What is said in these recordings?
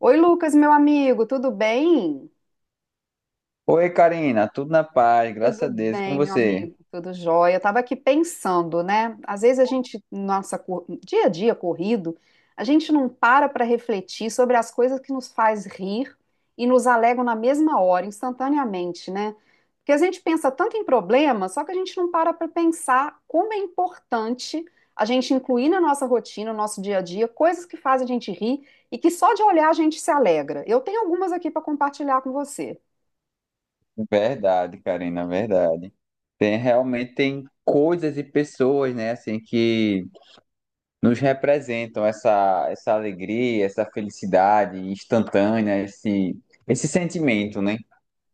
Oi, Lucas, meu amigo, tudo bem? Oi, Karina, tudo na paz, graças Tudo a Deus, e com bem, meu você. amigo? Tudo jóia. Eu estava aqui pensando, né? Às vezes a gente, nossa, dia a dia corrido, a gente não para refletir sobre as coisas que nos faz rir e nos alegram na mesma hora, instantaneamente, né? Porque a gente pensa tanto em problema, só que a gente não para pensar como é importante a gente incluir na nossa rotina, no nosso dia a dia, coisas que fazem a gente rir e que só de olhar a gente se alegra. Eu tenho algumas aqui para compartilhar com você. Verdade, Karina, verdade. Tem realmente tem coisas e pessoas, né, assim que nos representam essa alegria, essa felicidade instantânea, esse sentimento, né?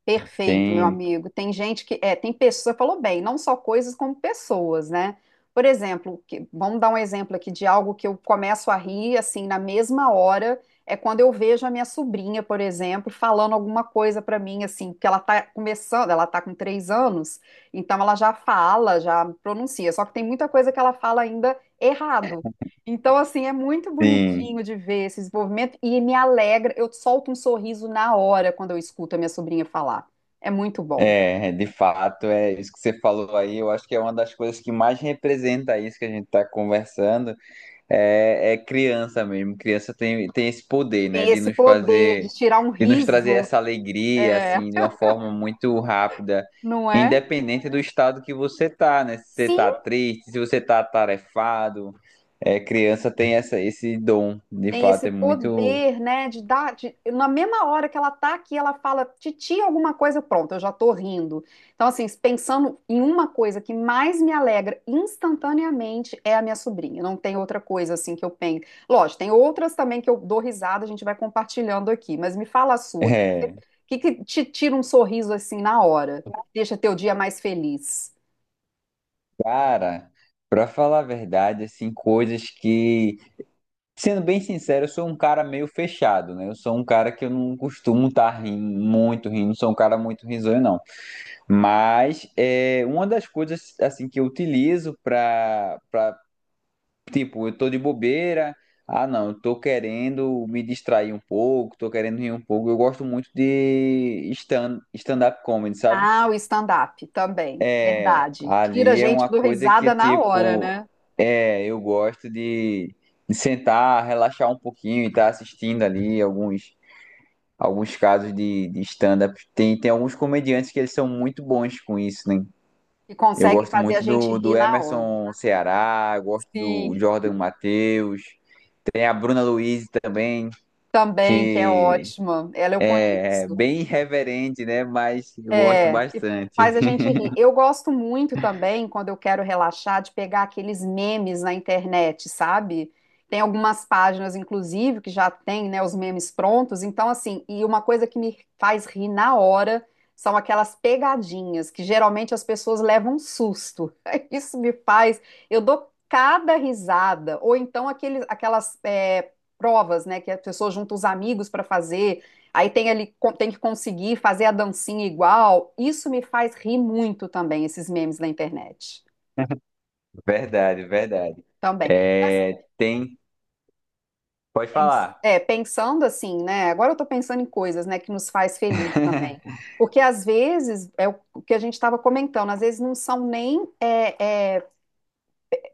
Perfeito, meu Tem, amigo. Tem gente que, tem pessoas, falou bem, não só coisas como pessoas, né? Por exemplo, vamos dar um exemplo aqui de algo que eu começo a rir, assim, na mesma hora, é quando eu vejo a minha sobrinha, por exemplo, falando alguma coisa pra mim, assim, que ela tá começando, ela tá com três anos, então ela já fala, já pronuncia, só que tem muita coisa que ela fala ainda errado. Então, assim, é muito tem. bonitinho de ver esse desenvolvimento e me alegra. Eu solto um sorriso na hora quando eu escuto a minha sobrinha falar. É muito bom. É, de fato, é isso que você falou aí, eu acho que é uma das coisas que mais representa isso que a gente está conversando. É, é criança mesmo. Criança tem, tem esse poder, né? Tem De esse nos poder de fazer, tirar um de nos trazer riso, essa alegria, é, assim, de uma forma muito rápida, não é? independente do estado que você tá, né? Se você Sim. tá triste, se você tá atarefado. É, criança tem essa, esse dom, de Tem esse fato, é muito. poder, né, de dar, na mesma hora que ela tá aqui, ela fala titi alguma coisa, pronto, eu já tô rindo. Então, assim, pensando em uma coisa que mais me alegra instantaneamente é a minha sobrinha. Não tem outra coisa assim que eu penso. Lógico, tem outras também que eu dou risada, a gente vai compartilhando aqui, mas me fala a sua. O É, que que te tira um sorriso assim na hora? Deixa teu dia mais feliz. cara, pra falar a verdade, assim, coisas que. Sendo bem sincero, eu sou um cara meio fechado, né? Eu sou um cara que eu não costumo estar rindo, muito rindo, não sou um cara muito risonho, não. Mas é uma das coisas assim que eu utilizo para tipo, eu tô de bobeira, ah não, eu tô querendo me distrair um pouco, tô querendo rir um pouco. Eu gosto muito de stand-up comedy, sabe? Ah, o stand-up também, É, verdade. Tira a ali é gente uma do coisa que risada na hora, tipo, né? é, eu gosto de sentar, relaxar um pouquinho e estar assistindo ali alguns casos de stand-up. Tem alguns comediantes que eles são muito bons com isso, né? Que Eu consegue gosto fazer a muito gente do, rir do na hora. Emerson Ceará, gosto do Sim, Jordan Matheus, tem a Bruna Luiz também, também, que é que ótima. Ela eu é conheço. bem irreverente, né? Mas eu gosto É, que faz bastante. a gente rir. Eu gosto muito também, quando eu quero relaxar, de pegar aqueles memes na internet, sabe? Tem algumas páginas, inclusive, que já tem, né, os memes prontos. Então, assim, e uma coisa que me faz rir na hora são aquelas pegadinhas, que geralmente as pessoas levam um susto. Isso me faz. Eu dou cada risada. Ou então provas, né, que a pessoa junta os amigos para fazer. Aí tem ali, tem que conseguir fazer a dancinha igual. Isso me faz rir muito também, esses memes na internet. Verdade, verdade. Também. Mas É, tem. Pode falar. Pensando assim, né? Agora eu tô pensando em coisas, né, que nos faz feliz também. Porque às vezes, é o que a gente estava comentando, às vezes não são nem,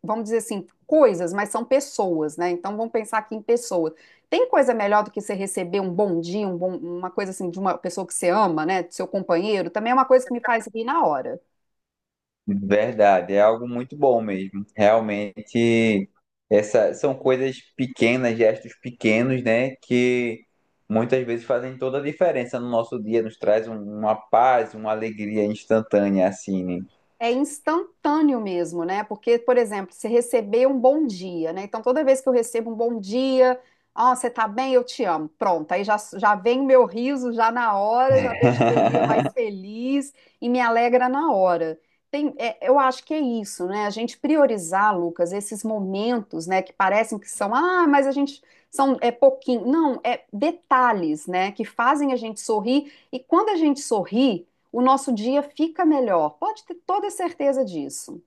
vamos dizer assim, coisas, mas são pessoas, né? Então vamos pensar aqui em pessoas. Tem coisa melhor do que você receber um bom dia, um uma coisa assim de uma pessoa que você ama, né? Do seu companheiro, também é uma coisa que me faz rir na hora. Verdade, é algo muito bom mesmo. Realmente, essa, são coisas pequenas, gestos pequenos, né, que muitas vezes fazem toda a diferença no nosso dia, nos traz um- uma paz, uma alegria instantânea, assim, né? É instantâneo mesmo, né? Porque, por exemplo, se receber um bom dia, né? Então, toda vez que eu recebo um bom dia, ó, você tá bem, eu te amo. Pronto, aí já, já vem o meu riso já na hora, já deixa o meu dia mais feliz e me alegra na hora. Tem, é, eu acho que é isso, né? A gente priorizar, Lucas, esses momentos, né, que parecem que são, ah, mas a gente são é pouquinho. Não, é detalhes, né, que fazem a gente sorrir. E quando a gente sorri, o nosso dia fica melhor. Pode ter toda certeza disso.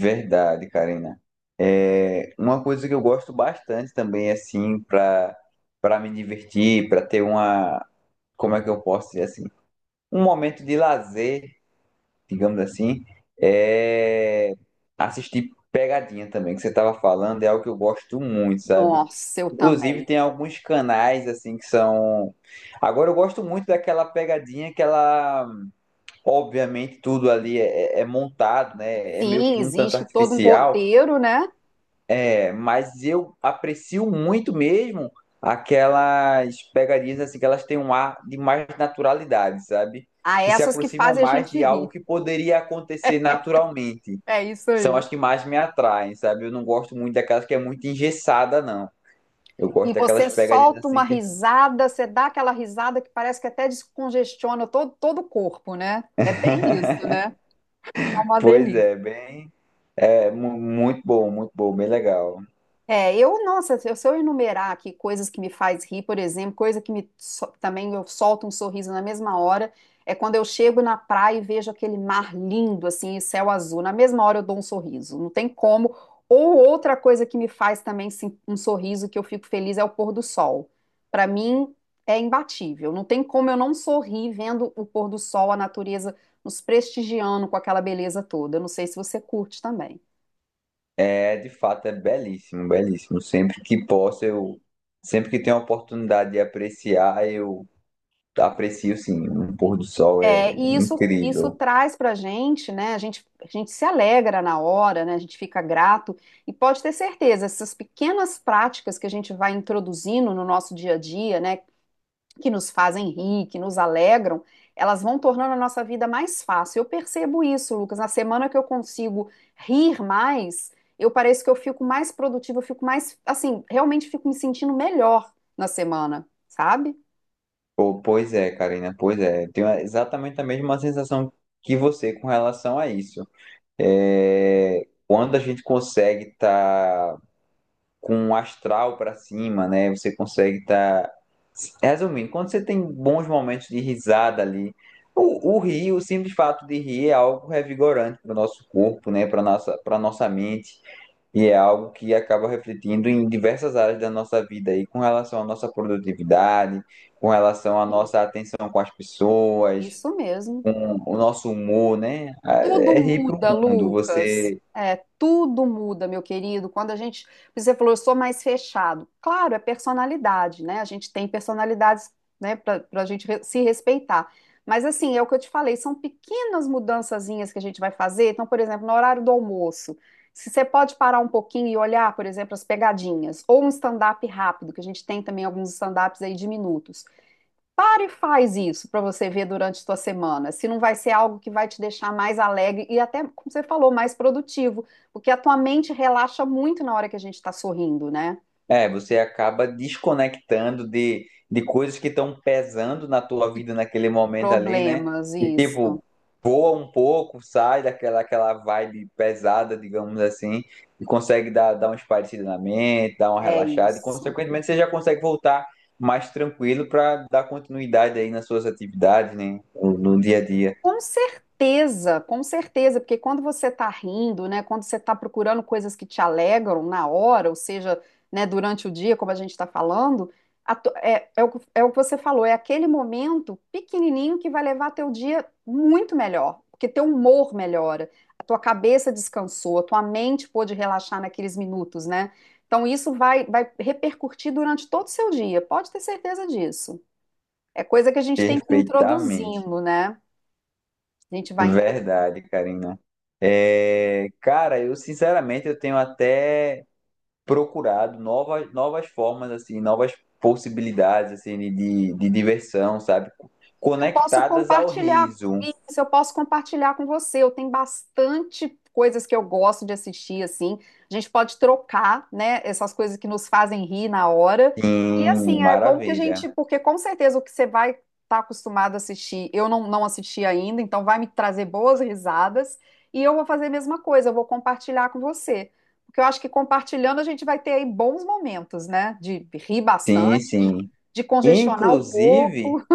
Verdade, Karina. É, uma coisa que eu gosto bastante também, assim, para me divertir, para ter uma, como é que eu posso dizer assim, um momento de lazer digamos assim, é assistir pegadinha também, que você estava falando, é algo que eu gosto muito, sabe? Nossa, eu Inclusive também. tem alguns canais assim que são. Agora eu gosto muito daquela pegadinha que ela, obviamente, tudo ali é, é montado, né? É meio Sim, que um tanto existe todo um artificial. roteiro, né? É, mas eu aprecio muito mesmo aquelas pegarias assim que elas têm um ar de mais naturalidade, sabe? Há Que se essas que aproximam fazem a mais gente de algo rir. que poderia acontecer naturalmente. É isso São aí. as que mais me atraem, sabe? Eu não gosto muito daquelas que é muito engessada, não. Eu E gosto daquelas você pegarias solta assim uma que, risada, você dá aquela risada que parece que até descongestiona todo, todo o corpo, né? É bem isso, né? É uma pois delícia. é, bem, é mu- muito bom, bem legal. É, eu, nossa, se eu enumerar aqui coisas que me faz rir, por exemplo, coisa que me também eu solto um sorriso na mesma hora, é quando eu chego na praia e vejo aquele mar lindo, assim, e céu azul. Na mesma hora eu dou um sorriso, não tem como. Ou outra coisa que me faz também sim, um sorriso que eu fico feliz é o pôr do sol. Para mim é imbatível, não tem como eu não sorrir vendo o pôr do sol, a natureza nos prestigiando com aquela beleza toda. Eu não sei se você curte também. É, de fato, é belíssimo, belíssimo. Sempre que posso, eu, sempre que tenho a oportunidade de apreciar, eu aprecio sim, um pôr do sol é É, e isso incrível. traz para a gente, né? A gente se alegra na hora, né? A gente fica grato e pode ter certeza, essas pequenas práticas que a gente vai introduzindo no nosso dia a dia, né? Que nos fazem rir, que nos alegram, elas vão tornando a nossa vida mais fácil. Eu percebo isso, Lucas. Na semana que eu consigo rir mais, eu pareço que eu fico mais produtiva, eu fico mais, assim, realmente fico me sentindo melhor na semana, sabe? Pô, pois é, Karina, pois é. Tenho exatamente a mesma sensação que você com relação a isso. É, quando a gente consegue estar com um astral para cima, né? Você consegue estar. Resumindo, quando você tem bons momentos de risada ali, o rir, o simples fato de rir é algo revigorante para o nosso corpo, né? Para nossa mente. E é algo que acaba refletindo em diversas áreas da nossa vida aí, com relação à nossa produtividade, com relação à Sim. nossa atenção com as pessoas, Isso mesmo. com o nosso humor, né? Ah, Tudo é rir para muda, o mundo. Lucas. Você É, tudo muda, meu querido. Quando a gente, você falou, eu sou mais fechado. Claro, é personalidade, né? A gente tem personalidades, né, para a gente se respeitar. Mas assim, é o que eu te falei, são pequenas mudançazinhas que a gente vai fazer. Então, por exemplo, no horário do almoço, se você pode parar um pouquinho e olhar, por exemplo, as pegadinhas, ou um stand-up rápido, que a gente tem também alguns stand-ups aí de minutos. Para e faz isso para você ver durante a sua semana, se não vai ser algo que vai te deixar mais alegre e até, como você falou, mais produtivo, porque a tua mente relaxa muito na hora que a gente está sorrindo, né? É, você acaba desconectando de coisas que estão pesando na tua vida naquele momento ali, né? Problemas, E isso. tipo, voa um pouco, sai daquela aquela vibe pesada, digamos assim, e consegue dar, dar uma espairecida na mente, dar uma É relaxada, e isso. consequentemente você já consegue voltar mais tranquilo para dar continuidade aí nas suas atividades, né? No, no dia a dia. Com certeza, porque quando você está rindo, né, quando você está procurando coisas que te alegram na hora, ou seja, né, durante o dia, como a gente está falando, a é o que você falou, é aquele momento pequenininho que vai levar teu dia muito melhor, porque teu humor melhora, a tua cabeça descansou, a tua mente pôde relaxar naqueles minutos, né? Então isso vai, vai repercutir durante todo o seu dia, pode ter certeza disso. É coisa que a gente tem que ir Perfeitamente. introduzindo, né? A gente vai. Verdade, Karina. É, cara, eu sinceramente eu tenho até procurado novas, novas formas, assim, novas possibilidades, assim, de diversão, sabe? Eu posso Conectadas ao compartilhar riso. isso, eu posso compartilhar com você. Eu tenho bastante coisas que eu gosto de assistir, assim. A gente pode trocar, né, essas coisas que nos fazem rir na hora. E Sim, assim, é bom que a gente, maravilha. porque com certeza o que você vai estar acostumado a assistir, eu não assisti ainda, então vai me trazer boas risadas. E eu vou fazer a mesma coisa, eu vou compartilhar com você. Porque eu acho que compartilhando a gente vai ter aí bons momentos, né? De rir bastante, Sim, de sim. Congestionar o Inclusive, corpo.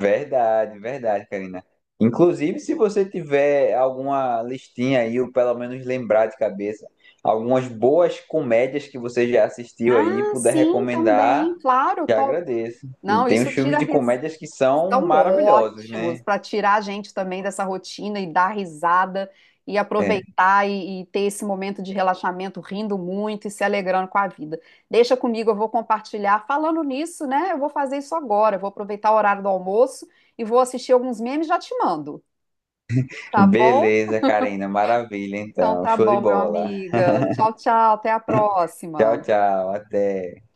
verdade, verdade, Karina. Inclusive, se você tiver alguma listinha aí, ou pelo menos lembrar de cabeça, algumas boas comédias que você já assistiu aí, Ah, puder sim, recomendar, também, claro, já tô. agradeço. E Não, tem os isso filmes tira de ris... comédias que são São maravilhosos, ótimos né? para tirar a gente também dessa rotina e dar risada e É. aproveitar e ter esse momento de relaxamento, rindo muito e se alegrando com a vida. Deixa comigo, eu vou compartilhar. Falando nisso, né? Eu vou fazer isso agora. Eu vou aproveitar o horário do almoço e vou assistir alguns memes e já te mando, tá bom? Beleza, Karina. Maravilha, Então então. tá Show de bom, meu bola. amiga. Tchau, tchau, até a Tchau, próxima. tchau. Até.